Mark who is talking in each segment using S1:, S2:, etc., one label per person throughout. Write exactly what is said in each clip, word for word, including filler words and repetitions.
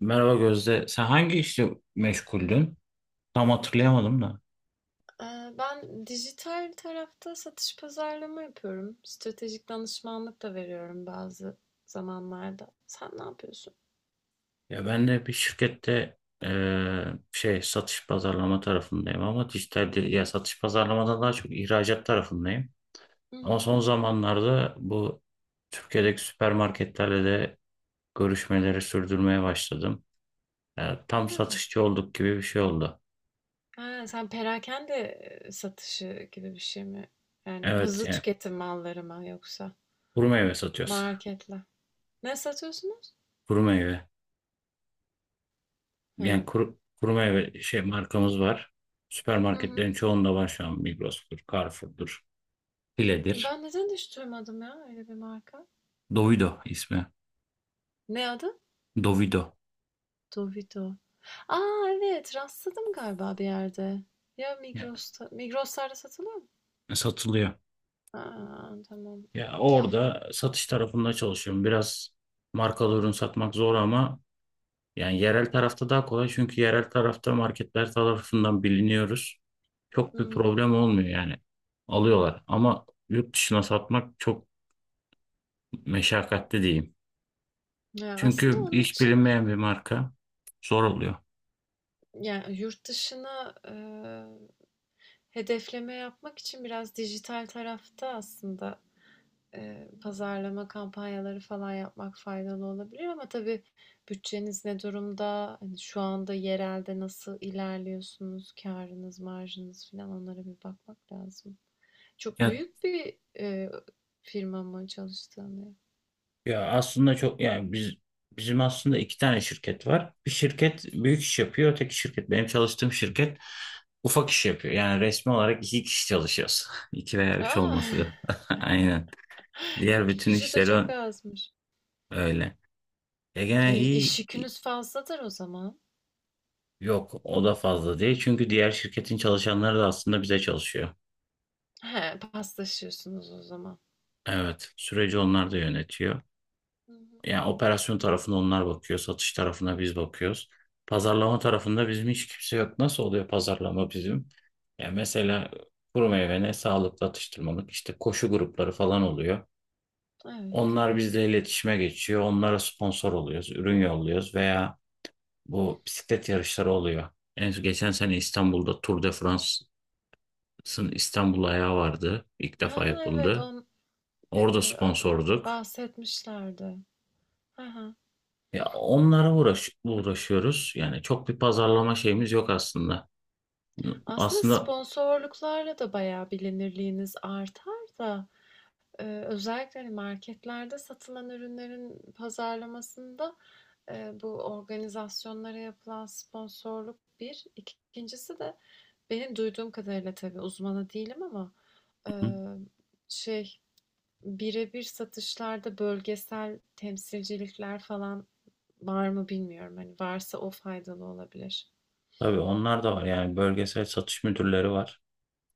S1: Merhaba Gözde. Sen hangi işle meşguldün? Tam hatırlayamadım da.
S2: Ben dijital tarafta satış pazarlama yapıyorum. Stratejik danışmanlık da veriyorum bazı zamanlarda. Sen ne yapıyorsun?
S1: Ya ben de bir şirkette eee, şey satış pazarlama tarafındayım ama dijital değil- ya satış pazarlamadan daha çok ihracat tarafındayım.
S2: Hı
S1: Ama
S2: hı.
S1: son zamanlarda bu Türkiye'deki süpermarketlerle de görüşmeleri sürdürmeye başladım. Ya
S2: Ha.
S1: tam satışçı olduk gibi bir şey oldu.
S2: Ha, sen perakende eee, satışı gibi bir şey mi? Yani
S1: Evet
S2: hızlı
S1: yani
S2: tüketim malları mı yoksa
S1: kuru meyve satıyoruz.
S2: marketle? Ne satıyorsunuz?
S1: Kuru meyve. Yani
S2: Ha.
S1: kuru, kuru meyve şey markamız var.
S2: Hı hı.
S1: Süpermarketlerin çoğunda var şu an Migros'tur, Carrefour'dur, File'dir.
S2: Ben neden hiç duymadım ya öyle bir marka?
S1: Dovido ismi.
S2: Ne adı?
S1: Dovido.
S2: Dovito. Aa evet rastladım galiba bir yerde. Ya
S1: Ya,
S2: Migros'ta, Migros'larda satılıyor mu?
S1: satılıyor.
S2: A, tamam.
S1: Ya orada satış tarafında çalışıyorum. Biraz markalı ürün satmak zor ama yani yerel tarafta daha kolay çünkü yerel tarafta marketler tarafından biliniyoruz. Çok bir
S2: Hımm.
S1: problem olmuyor yani. Alıyorlar ama yurt dışına satmak çok meşakkatli diyeyim.
S2: Ya, aslında
S1: Çünkü
S2: onun
S1: hiç
S2: için,
S1: bilinmeyen bir marka zor oluyor.
S2: yani yurt dışına, eee, hedefleme yapmak için biraz dijital tarafta aslında, eee, pazarlama kampanyaları falan yapmak faydalı olabilir ama tabii bütçeniz ne durumda? Hani, şu anda yerelde nasıl ilerliyorsunuz? Kârınız, marjınız filan onlara bir bakmak lazım. Çok
S1: Ya,
S2: büyük bir, eee, firma mı çalıştığın yer?
S1: ya aslında çok yani biz bizim aslında iki tane şirket var. Bir şirket büyük iş yapıyor, öteki şirket benim çalıştığım şirket ufak iş yapıyor. Yani resmi olarak iki kişi çalışıyoruz. İki veya üç olması
S2: A!
S1: lazım. Aynen. Diğer bütün
S2: kişi de
S1: işleri
S2: çok
S1: ö-
S2: azmış.
S1: öyle. E
S2: E,
S1: gene
S2: iş
S1: iyi i-
S2: yükünüz fazladır o zaman.
S1: yok o da fazla değil. Çünkü diğer şirketin çalışanları da aslında bize çalışıyor.
S2: He, paslaşıyorsunuz o zaman.
S1: Evet. Süreci onlar da yönetiyor.
S2: Hı hı.
S1: Yani operasyon tarafına onlar bakıyor, satış tarafına biz bakıyoruz. Pazarlama tarafında bizim hiç kimse yok. Nasıl oluyor pazarlama bizim? Ya mesela kuru meyvene sağlıklı atıştırmalık işte koşu grupları falan oluyor.
S2: Evet.
S1: Onlar bizle iletişime geçiyor. Onlara sponsor oluyoruz, ürün yolluyoruz veya bu bisiklet yarışları oluyor. En geçen sene İstanbul'da Tour de France'ın İstanbul ayağı vardı. İlk
S2: Ha
S1: defa
S2: ha evet
S1: yapıldı.
S2: on
S1: Orada
S2: e,
S1: sponsorduk.
S2: bahsetmişlerdi. Ha ha.
S1: Ya onlara uğraş uğraşıyoruz. Yani çok bir pazarlama şeyimiz yok aslında.
S2: Aslında
S1: Aslında
S2: sponsorluklarla da bayağı bilinirliğiniz artar da e, özellikle hani marketlerde satılan ürünlerin pazarlamasında e, bu organizasyonlara yapılan sponsorluk bir. İkincisi de benim duyduğum kadarıyla tabii uzmanı değilim ama e,
S1: hı,
S2: şey birebir satışlarda bölgesel temsilcilikler falan var mı bilmiyorum. Hani varsa o faydalı olabilir.
S1: tabii onlar da var. Yani bölgesel satış müdürleri var.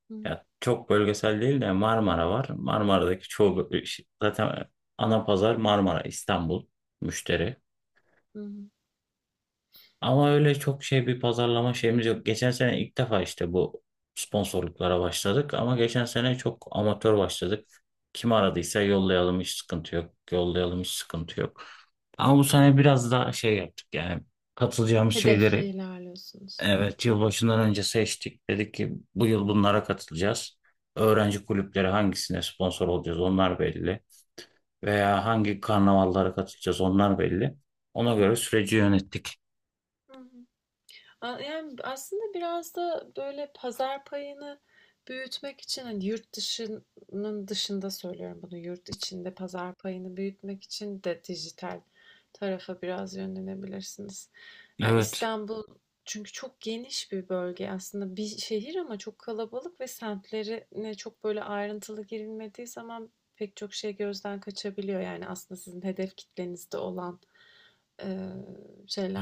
S2: Hı
S1: Ya çok bölgesel değil de Marmara var. Marmara'daki çoğu zaten ana pazar Marmara, İstanbul müşteri.
S2: hı.
S1: Ama öyle çok şey bir pazarlama şeyimiz yok. Geçen sene ilk defa işte bu sponsorluklara başladık ama geçen sene çok amatör başladık. Kim aradıysa yollayalım hiç sıkıntı yok. Yollayalım hiç sıkıntı yok. Ama bu sene biraz daha şey yaptık yani katılacağımız
S2: Hedefle
S1: şeyleri
S2: ilerliyorsunuz.
S1: evet yılbaşından önce seçtik. Dedik ki bu yıl bunlara katılacağız. Öğrenci kulüpleri hangisine sponsor olacağız onlar belli. Veya hangi karnavallara katılacağız onlar belli. Ona göre süreci yönettik.
S2: Hı hı. Yani aslında biraz da böyle pazar payını büyütmek için hani yurt dışının dışında söylüyorum bunu yurt içinde pazar payını büyütmek için de dijital tarafa biraz yönlenebilirsiniz. Yani
S1: Evet.
S2: İstanbul çünkü çok geniş bir bölge aslında bir şehir ama çok kalabalık ve semtlerine çok böyle ayrıntılı girilmediği zaman pek çok şey gözden kaçabiliyor. Yani aslında sizin hedef kitlenizde olan eee,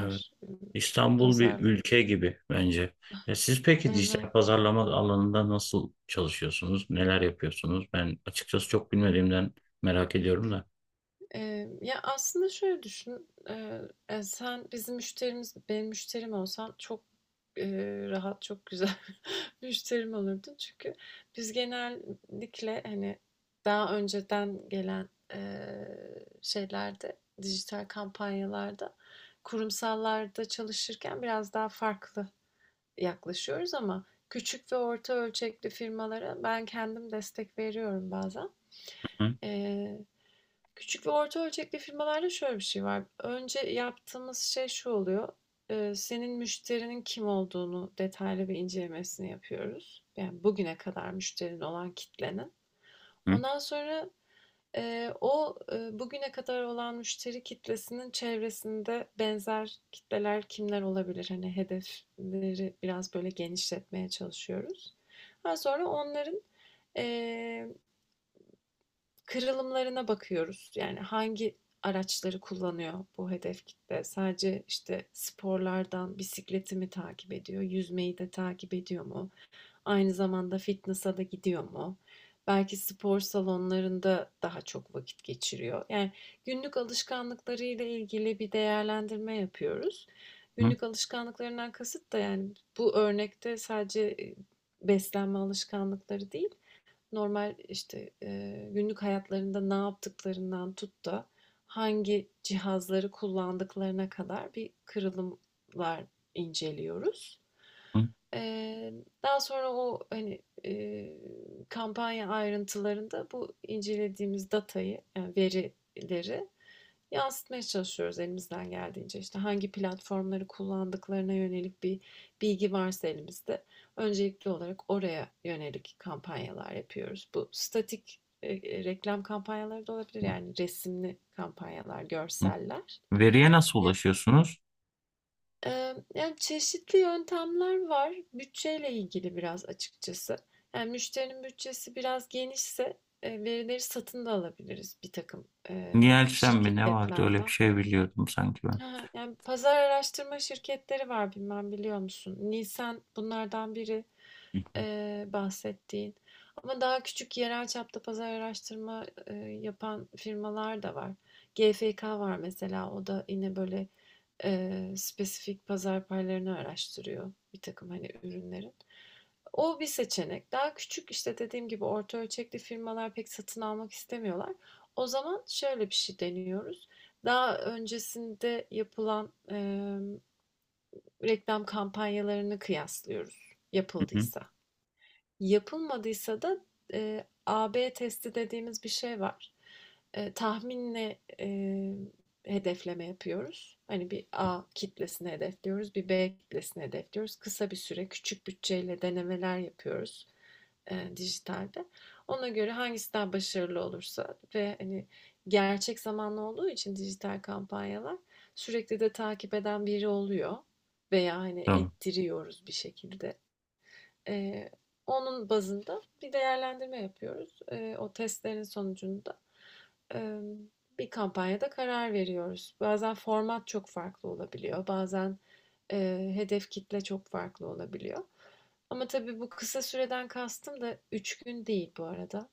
S1: Evet.
S2: eee,
S1: İstanbul bir
S2: pazarlar.
S1: ülke gibi bence. Ya siz peki
S2: Evet.
S1: dijital pazarlama alanında nasıl çalışıyorsunuz? Neler yapıyorsunuz? Ben açıkçası çok bilmediğimden merak ediyorum da.
S2: Eee, ya, aslında şöyle düşün, eee, eee, sen bizim müşterimiz benim müşterim olsan çok, eee, rahat, çok güzel müşterim olurdun. Çünkü biz genellikle, hani, daha önceden gelen, eee, şeylerde, dijital kampanyalarda, kurumsallarda çalışırken biraz daha farklı yaklaşıyoruz ama küçük ve orta ölçekli firmalara ben kendim destek veriyorum bazen.
S1: Hı,
S2: Küçük ve orta ölçekli firmalarda şöyle bir şey var. Önce yaptığımız şey şu oluyor. Senin müşterinin kim olduğunu detaylı bir incelemesini yapıyoruz. Yani bugüne kadar müşterin olan kitlenin.
S1: hı,
S2: Ondan sonra o bugüne kadar olan müşteri kitlesinin çevresinde benzer kitleler kimler olabilir? Hani hedefleri biraz böyle genişletmeye çalışıyoruz. Daha sonra onların eee kırılımlarına bakıyoruz. Yani hangi araçları kullanıyor bu hedef kitle? Sadece işte sporlardan bisikleti mi takip ediyor? Yüzmeyi de takip ediyor mu? Aynı zamanda fitness'a da gidiyor mu? Belki spor salonlarında daha çok vakit geçiriyor. Yani günlük alışkanlıklarıyla ilgili bir değerlendirme yapıyoruz.
S1: hı,
S2: Günlük alışkanlıklarından kasıt da yani bu örnekte sadece e, beslenme alışkanlıkları değil, normal, işte, eee, günlük hayatlarında ne yaptıklarından tut da hangi cihazları kullandıklarına kadar bir kırılımlar inceliyoruz.
S1: hı,
S2: Eee, daha sonra o, hani, eee, kampanya ayrıntılarında bu incelediğimiz datayı, yani verileri yansıtmaya çalışıyoruz elimizden geldiğince. İşte, hangi platformları kullandıklarına yönelik bir bilgi varsa elimizde öncelikli olarak oraya yönelik kampanyalar yapıyoruz. Bu statik e, e, reklam kampanyaları da olabilir. Yani resimli kampanyalar,
S1: hı.
S2: görseller.
S1: Veriye nasıl
S2: Ya-
S1: ulaşıyorsunuz?
S2: e, yani çeşitli yöntemler var. Bütçeyle ilgili biraz açıkçası. Yani müşterinin bütçesi biraz genişse e, verileri satın da alabiliriz bir takım e,
S1: Nielsen mi ne vardı öyle bir
S2: şirketlerden.
S1: şey biliyordum sanki ben.
S2: Yani pazar araştırma şirketleri var bilmem biliyor musun? Nisan bunlardan biri.
S1: Hı, hı,
S2: eee, bahsettiğin. Ama daha küçük yerel çapta pazar araştırma eee, yapan firmalar da var. GfK var mesela. O da yine böyle eee, spesifik pazar paylarını araştırıyor bir takım hani ürünlerin. O bir seçenek. Daha küçük işte dediğim gibi orta ölçekli firmalar pek satın almak istemiyorlar. O zaman şöyle bir şey deniyoruz. Daha öncesinde yapılan eee, reklam kampanyalarını kıyaslıyoruz
S1: hı, hı.
S2: yapıldıysa. Yapılmadıysa da e, A B testi dediğimiz bir şey var. Eee, tahminle eee, hedefleme yapıyoruz. Hani bir A kitlesini hedefliyoruz, bir B kitlesini hedefliyoruz. Kısa bir süre küçük bütçeyle denemeler yapıyoruz eee, dijitalde. Ona göre hangisi daha başarılı olursa ve hani gerçek zamanlı olduğu için dijital kampanyalar sürekli de takip eden biri oluyor veya hani
S1: Tamam,
S2: ettiriyoruz bir şekilde. Eee, onun bazında bir değerlendirme yapıyoruz. Eee, o testlerin sonucunda em, bir kampanyada karar veriyoruz. Bazen format çok farklı olabiliyor, bazen eee, hedef kitle çok farklı olabiliyor. Ama tabii bu kısa süreden kastım da üç gün değil bu arada.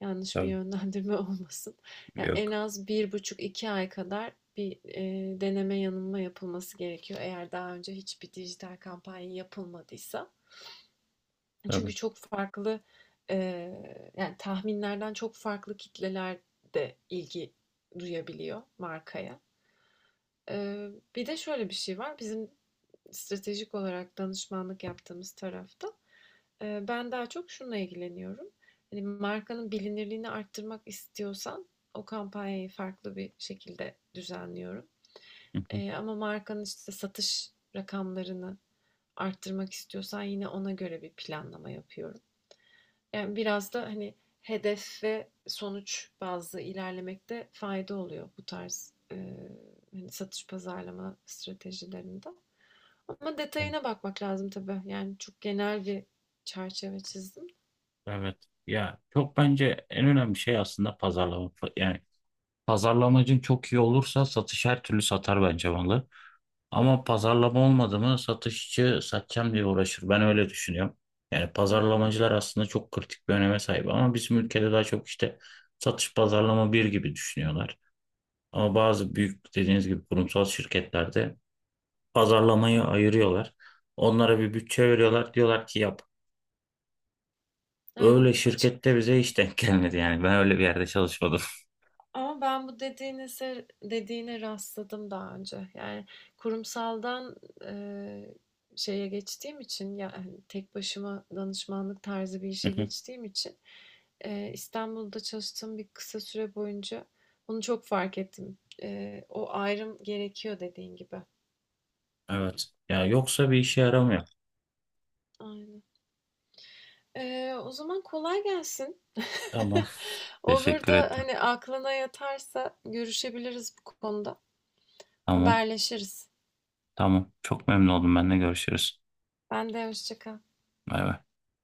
S2: Yanlış bir
S1: tamam.
S2: yönlendirme olmasın. Yani en
S1: Yok.
S2: az bir buçuk iki ay kadar bir eee, deneme yanılma yapılması gerekiyor. Eğer daha önce hiçbir dijital kampanya yapılmadıysa.
S1: Tabii.
S2: Çünkü çok farklı, eee, yani tahminlerden çok farklı kitleler de ilgi duyabiliyor markaya. Eee, bir de şöyle bir şey var. Bizim stratejik olarak danışmanlık yaptığımız tarafta eee, ben daha çok şununla ilgileniyorum. Yani markanın bilinirliğini arttırmak istiyorsan o kampanyayı farklı bir şekilde düzenliyorum.
S1: Hı, hı.
S2: Eee, ama markanın işte satış rakamlarını arttırmak istiyorsan yine ona göre bir planlama yapıyorum. Yani biraz da hani hedef ve sonuç bazlı ilerlemekte fayda oluyor bu tarz e, hani satış pazarlama stratejilerinde. Ama
S1: Evet.
S2: detayına bakmak lazım tabii. Yani çok genel bir çerçeve çizdim.
S1: Evet. Ya çok bence en önemli şey aslında pazarlama. Yani pazarlamacın çok iyi olursa satış her türlü satar bence malı. Ama pazarlama olmadı mı satışçı satacağım diye uğraşır. Ben öyle düşünüyorum. Yani
S2: Hı hı,
S1: pazarlamacılar aslında çok kritik bir öneme sahip ama bizim ülkede daha çok işte satış pazarlama bir gibi düşünüyorlar. Ama bazı büyük dediğiniz gibi kurumsal şirketlerde pazarlamayı ayırıyorlar. Onlara bir bütçe veriyorlar. Diyorlar ki yap. Öyle
S2: aynen. Açık.
S1: şirkette bize hiç denk gelmedi yani. Ben öyle bir yerde çalışmadım.
S2: Ama ben bu dediğinize dediğine rastladım daha önce. Yani kurumsaldan eee, şeye geçtiğim için yani tek başıma danışmanlık tarzı bir işe geçtiğim için eee, İstanbul'da çalıştığım bir kısa süre boyunca bunu çok fark ettim. Eee, o ayrım gerekiyor dediğin gibi.
S1: Evet. Ya yoksa bir işe yaramıyor.
S2: Aynen. Eee, o zaman kolay gelsin.
S1: Tamam.
S2: Olur
S1: Teşekkür
S2: da
S1: ettim.
S2: hani aklına yatarsa görüşebiliriz bu konuda.
S1: Tamam.
S2: Haberleşiriz.
S1: Tamam. Çok memnun oldum. Benle görüşürüz.
S2: Ben de hoşça kal.
S1: Bay bay.